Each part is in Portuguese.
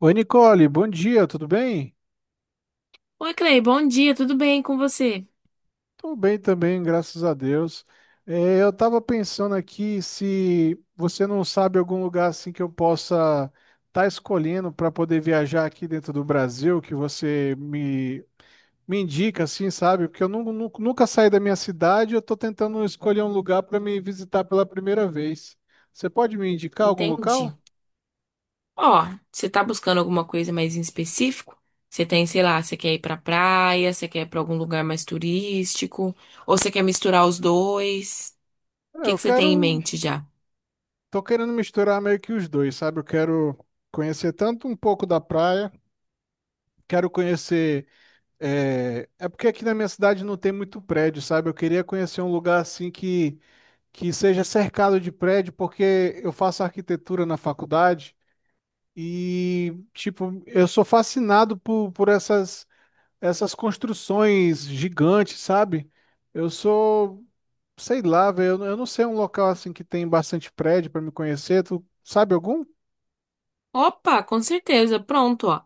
Oi, Nicole, bom dia, tudo bem? Oi, Clay, bom dia, tudo bem com você? Tô bem também, graças a Deus. Eu tava pensando aqui se você não sabe algum lugar assim que eu possa estar escolhendo para poder viajar aqui dentro do Brasil, que você me indica assim, sabe? Porque eu nunca saí da minha cidade, eu tô tentando escolher um lugar para me visitar pela primeira vez. Você pode me indicar algum Entendi. local? Ó, você tá buscando alguma coisa mais em específico? Você tem, sei lá, você quer ir pra praia, você quer ir pra algum lugar mais turístico, ou você quer misturar os dois? O É, que Eu que você quero, tem em mente já? Tô querendo misturar meio que os dois, sabe? Eu quero conhecer tanto um pouco da praia. Quero conhecer. É, é porque aqui na minha cidade não tem muito prédio, sabe? Eu queria conhecer um lugar assim que seja cercado de prédio, porque eu faço arquitetura na faculdade e, tipo, eu sou fascinado por essas construções gigantes, sabe? Eu sou, sei lá, velho, eu não sei um local assim que tem bastante prédio para me conhecer. Tu sabe algum? Opa, com certeza, pronto, ó.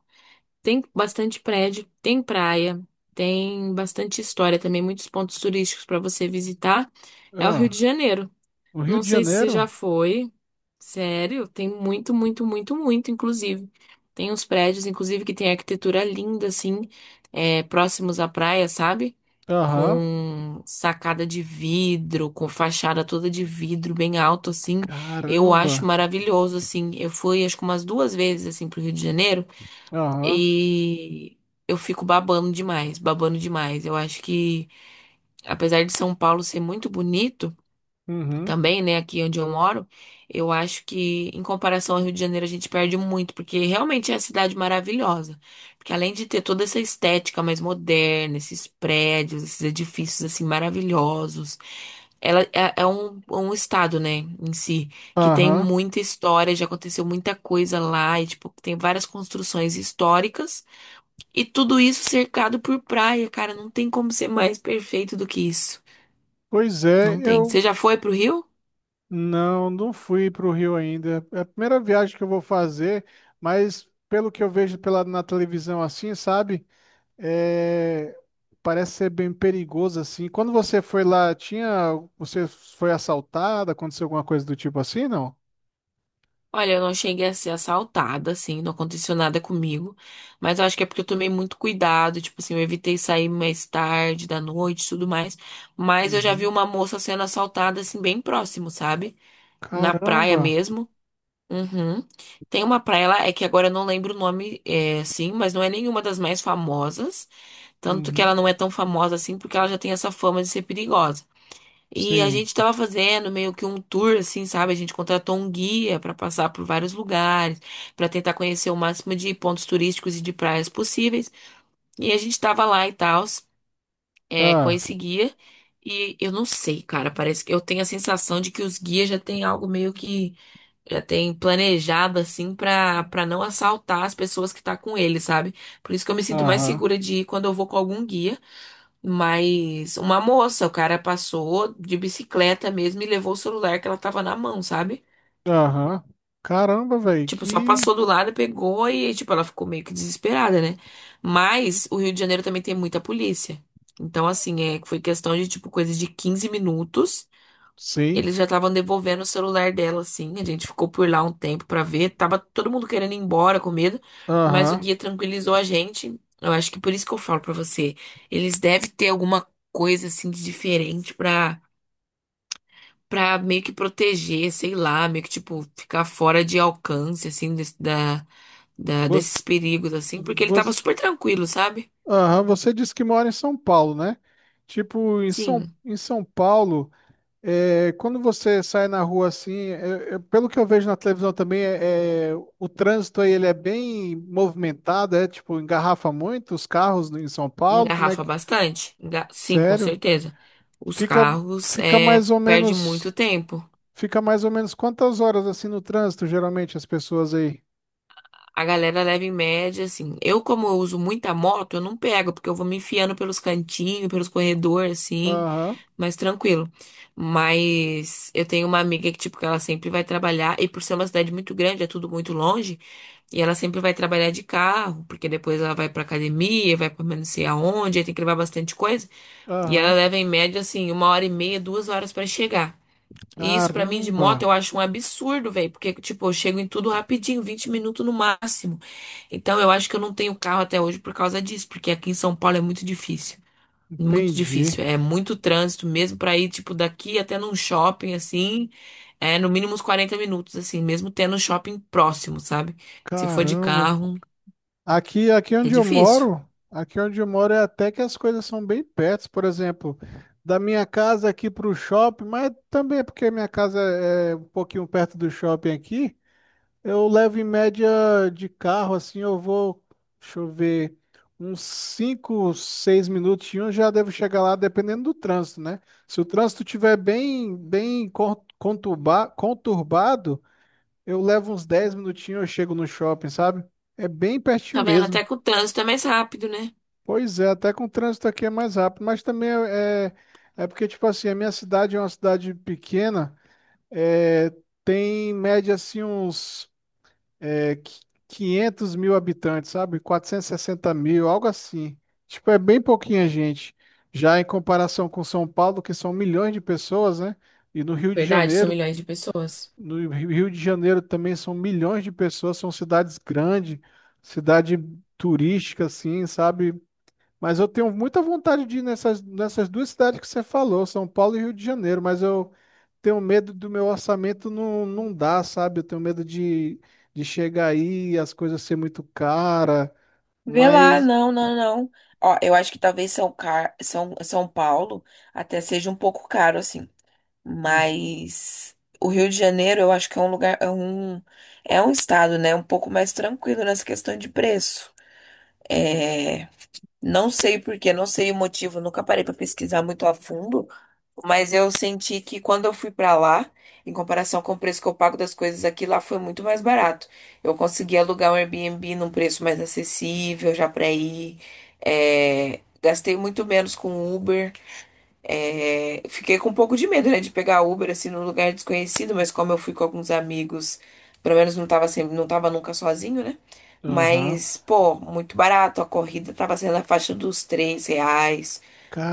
Tem bastante prédio, tem praia, tem bastante história também, muitos pontos turísticos pra você visitar. É o Rio Ah, de Janeiro. o Rio Não de sei se você Janeiro? já foi. Sério, tem muito, muito, muito, muito, inclusive. Tem uns prédios, inclusive, que tem arquitetura linda, assim, é, próximos à praia, sabe? Aham. Com sacada de vidro, com fachada toda de vidro, bem alto, assim. Eu acho Caramba. maravilhoso, assim. Eu fui, acho que umas 2 vezes, assim, pro Rio de Janeiro Aham. e eu fico babando demais, babando demais. Eu acho que, apesar de São Paulo ser muito bonito, Uhum. também, né, aqui onde eu moro, eu acho que em comparação ao Rio de Janeiro a gente perde muito, porque realmente é a cidade maravilhosa. Porque além de ter toda essa estética mais moderna, esses prédios, esses edifícios assim maravilhosos, ela é um estado, né, em si, que tem Aham. muita história, já aconteceu muita coisa lá, e tipo, tem várias construções históricas, e tudo isso cercado por praia, cara, não tem como ser mais perfeito do que isso. Pois é, Não tem. Você eu já foi pro Rio? não fui para o Rio ainda. É a primeira viagem que eu vou fazer, mas pelo que eu vejo na televisão assim, sabe? É, parece ser bem perigoso assim. Quando você foi lá, você foi assaltada? Aconteceu alguma coisa do tipo assim, não? Olha, eu não cheguei a ser assaltada, assim, não aconteceu nada comigo. Mas eu acho que é porque eu tomei muito cuidado, tipo assim, eu evitei sair mais tarde, da noite, e tudo mais. Mas eu já vi Uhum. uma moça sendo assaltada, assim, bem próximo, sabe? Na praia Caramba. mesmo. Uhum. Tem uma praia lá, é que agora eu não lembro o nome, é, assim, mas não é nenhuma das mais famosas. Tanto que ela Uhum. não é tão famosa assim, porque ela já tem essa fama de ser perigosa. E a Sim. gente tava fazendo meio que um tour, assim, sabe? A gente contratou um guia pra passar por vários lugares, pra tentar conhecer o máximo de pontos turísticos e de praias possíveis. E a gente tava lá e tal, é, com Ah, esse guia. E eu não sei, cara, parece que eu tenho a sensação de que os guias já têm algo meio que já tem planejado, assim, pra, não assaltar as pessoas que tá com ele, sabe? Por isso que eu me sinto mais aham. segura de ir quando eu vou com algum guia. Mas uma moça, o cara passou de bicicleta mesmo e levou o celular que ela tava na mão, sabe? Aham. Caramba, velho, Tipo, só que passou do lado, pegou e, tipo, ela ficou meio que desesperada, né? Mas o Rio de Janeiro também tem muita polícia. Então, assim, é, foi questão de, tipo, coisa de 15 minutos. sim. Eles já estavam devolvendo o celular dela, assim. A gente ficou por lá um tempo pra ver. Tava todo mundo querendo ir embora com medo, mas o Aham. guia tranquilizou a gente. Eu acho que por isso que eu falo pra você, eles devem ter alguma coisa assim de diferente pra para meio que proteger, sei lá, meio que tipo ficar fora de alcance assim desse, da desses perigos assim, porque ele tava Você, super tranquilo, sabe? aham, você disse que mora em São Paulo, né? Tipo, Sim, em São Paulo, é, quando você sai na rua assim, pelo que eu vejo na televisão também, o trânsito aí ele é bem movimentado, é tipo, engarrafa muito os carros em São Paulo, como é engarrafa que... bastante. Sim, com Sério? certeza. Os Fica, carros fica é mais ou perde muito menos, tempo. fica mais ou menos quantas horas assim no trânsito, geralmente, as pessoas aí? A galera leva em média, assim. Eu, como eu uso muita moto, eu não pego, porque eu vou me enfiando pelos cantinhos, pelos corredores, assim, Aham, mais tranquilo. Mas eu tenho uma amiga que, tipo, que ela sempre vai trabalhar, e por ser uma cidade muito grande, é tudo muito longe, e ela sempre vai trabalhar de carro, porque depois ela vai pra academia, vai pra não sei aonde, aí tem que levar bastante coisa, e ela aham. leva em média, assim, 1 hora e meia, 2 horas pra chegar. E isso pra mim de Caramba, moto eu acho um absurdo, velho, porque tipo, eu chego em tudo rapidinho, 20 minutos no máximo. Então eu acho que eu não tenho carro até hoje por causa disso, porque aqui em São Paulo é muito entendi. difícil, é muito trânsito mesmo pra ir tipo daqui até num shopping assim, é no mínimo uns 40 minutos assim, mesmo tendo um shopping próximo, sabe? Se for de Caramba. carro, é difícil. Aqui onde eu moro é até que as coisas são bem perto, por exemplo, da minha casa aqui para o shopping, mas também é porque minha casa é um pouquinho perto do shopping aqui, eu levo em média de carro, assim, deixa eu ver, uns 5, 6 minutinhos já devo chegar lá, dependendo do trânsito, né? Se o trânsito tiver bem conturbado, eu levo uns 10 minutinhos, eu chego no shopping, sabe? É bem Tá pertinho vendo? Até mesmo. com o trânsito é mais rápido, né? Pois é, até com o trânsito aqui é mais rápido, mas também é porque, tipo assim, a minha cidade é uma cidade pequena, é, tem em média assim uns é, qui- 500 mil habitantes, sabe? 460 mil, algo assim. Tipo, é bem pouquinha gente. Já em comparação com São Paulo, que são milhões de pessoas, né? E no Rio de Verdade, são Janeiro, milhões de pessoas. no Rio de Janeiro também são milhões de pessoas, são cidades grandes, cidade turística, assim, sabe? Mas eu tenho muita vontade de ir nessas duas cidades que você falou, São Paulo e Rio de Janeiro, mas eu tenho medo do meu orçamento não dar, sabe? Eu tenho medo de chegar aí e as coisas ser muito cara, Vê lá, mas... não, não, não. Ó, eu acho que talvez São, Car... São... São Paulo até seja um pouco caro, assim. Uhum. Mas o Rio de Janeiro, eu acho que é um lugar, é um estado, né? Um pouco mais tranquilo nessa questão de preço. É, não sei por quê, não sei o motivo, nunca parei pra pesquisar muito a fundo, mas eu senti que quando eu fui pra lá, em comparação com o preço que eu pago das coisas aqui, lá foi muito mais barato. Eu consegui alugar um Airbnb num preço mais acessível já pra ir, é, gastei muito menos com Uber. É, fiquei com um pouco de medo, né, de pegar Uber assim num lugar desconhecido, mas como eu fui com alguns amigos, pelo menos não tava sempre, não tava nunca sozinho, né? Aham. Mas, pô, muito barato, a corrida tava saindo na faixa dos 3 reais,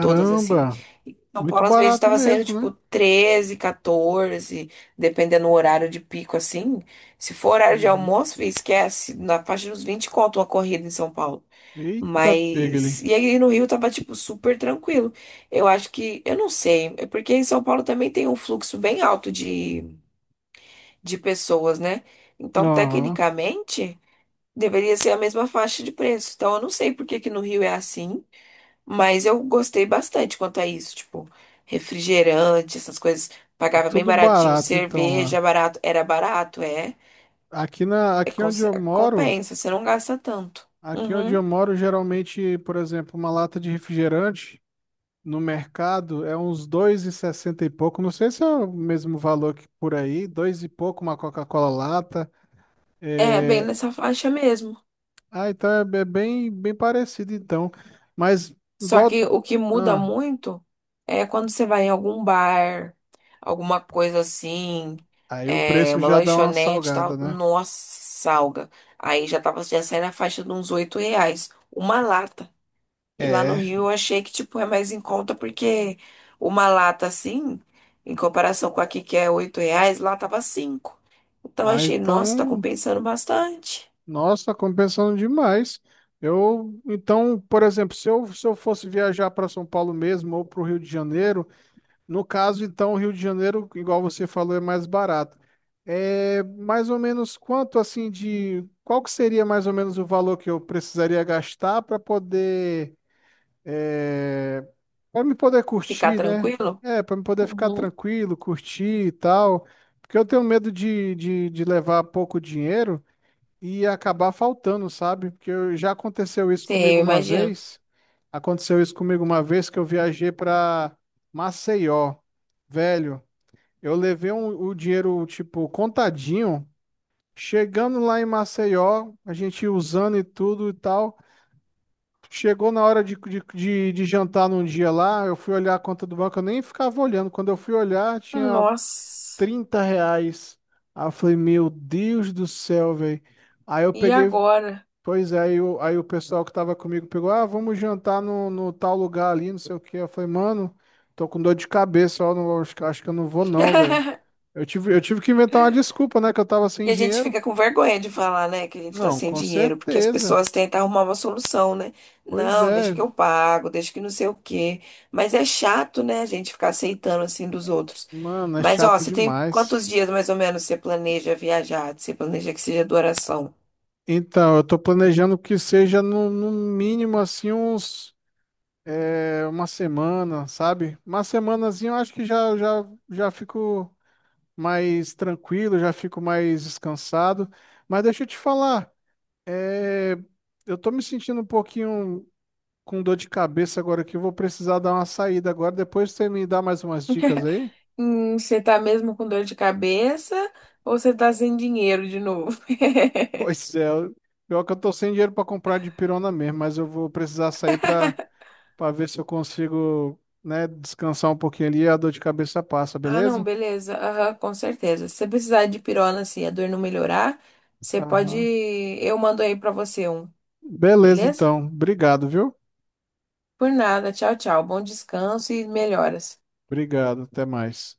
todas assim. E São muito Paulo às vezes barato tava saindo mesmo, tipo né? 13 14, dependendo do horário de pico assim. Se for horário de Uhum. almoço, esquece, na faixa dos 20 conto uma corrida em São Paulo. Eita, Mas. pegli. E aí no Rio tava, tipo, super tranquilo. Eu acho que. Eu não sei. É porque em São Paulo também tem um fluxo bem alto de, pessoas, né? Então, Aham. tecnicamente, deveria ser a mesma faixa de preço. Então, eu não sei por que que no Rio é assim. Mas eu gostei bastante quanto a isso. Tipo, refrigerante, essas coisas. É Pagava bem tudo baratinho. barato então lá. Cerveja, barato. Era barato, é. Aqui na, É, aqui onde eu moro, compensa, você não gasta tanto. aqui onde Uhum. eu moro, geralmente, por exemplo, uma lata de refrigerante no mercado é uns dois e sessenta e pouco, não sei se é o mesmo valor que por aí, dois e pouco uma Coca-Cola lata. É, bem É... nessa faixa mesmo. Ah, então é bem parecido então, mas Só igual... que o que muda Ah, muito é quando você vai em algum bar, alguma coisa assim, aí o é, preço uma já dá uma lanchonete e salgada, tal. né? Nossa, salga. Aí já tava, já sai na faixa de uns 8 reais. Uma lata. E lá no É. Rio eu achei que, tipo, é mais em conta porque uma lata assim, em comparação com aqui que é 8 reais, lá tava 5. Então eu Ah, achei, nossa, tá então, compensando bastante. nossa, compensando demais. Então, por exemplo, se eu fosse viajar para São Paulo mesmo ou para o Rio de Janeiro, no caso, então, o Rio de Janeiro, igual você falou, é mais barato. É mais ou menos quanto assim de qual que seria mais ou menos o valor que eu precisaria gastar para poder é, para me poder Ficar curtir, né? tranquilo? É, para me poder ficar Uhum. tranquilo, curtir e tal. Porque eu tenho medo de levar pouco dinheiro e acabar faltando, sabe? Porque já aconteceu isso Sim, comigo eu uma imagino. vez. Aconteceu isso comigo uma vez que eu viajei para Maceió. Velho, eu levei o dinheiro, tipo, contadinho. Chegando lá em Maceió, a gente usando e tudo e tal. Chegou na hora de jantar num dia lá, eu fui olhar a conta do banco, eu nem ficava olhando. Quando eu fui olhar, tinha Nossa, R$ 30. Aí eu falei, meu Deus do céu, velho. Aí eu e peguei, agora? pois é, aí o pessoal que tava comigo pegou, ah, vamos jantar no tal lugar ali, não sei o quê. Eu falei, mano, tô com dor de cabeça, ó, não, acho que eu não vou não, velho. Eu tive que inventar uma desculpa, né, que eu tava sem E a gente dinheiro. fica com vergonha de falar, né, que a gente tá Não, sem com dinheiro, porque as certeza. pessoas tentam arrumar uma solução, né? Pois Não, deixa é, que eu pago, deixa que não sei o quê. Mas é chato, né, a gente ficar aceitando assim dos outros. mano, é Mas, ó, chato você tem demais. quantos dias mais ou menos você planeja viajar? Você planeja que seja duração? Então, eu tô planejando que seja no mínimo, assim, uma semana, sabe? Uma semanazinha eu acho que já fico mais tranquilo, já fico mais descansado. Mas deixa eu te falar, é, eu tô me sentindo um pouquinho com dor de cabeça agora que eu vou precisar dar uma saída agora. Depois você me dá mais umas dicas aí? Você tá mesmo com dor de cabeça ou você tá sem dinheiro de novo? Pois é, pior que eu tô sem dinheiro para comprar de pirona mesmo, mas eu vou precisar sair para ver se eu consigo, né, descansar um pouquinho ali e a dor de cabeça passa, Ah, não, beleza? beleza. Aham, com certeza. Se você precisar de pirona, assim, a dor não melhorar, você pode. Aham. Eu mando aí pra você um, Beleza, beleza? então. Obrigado, viu? Por nada. Tchau, tchau. Bom descanso e melhoras. Obrigado, até mais.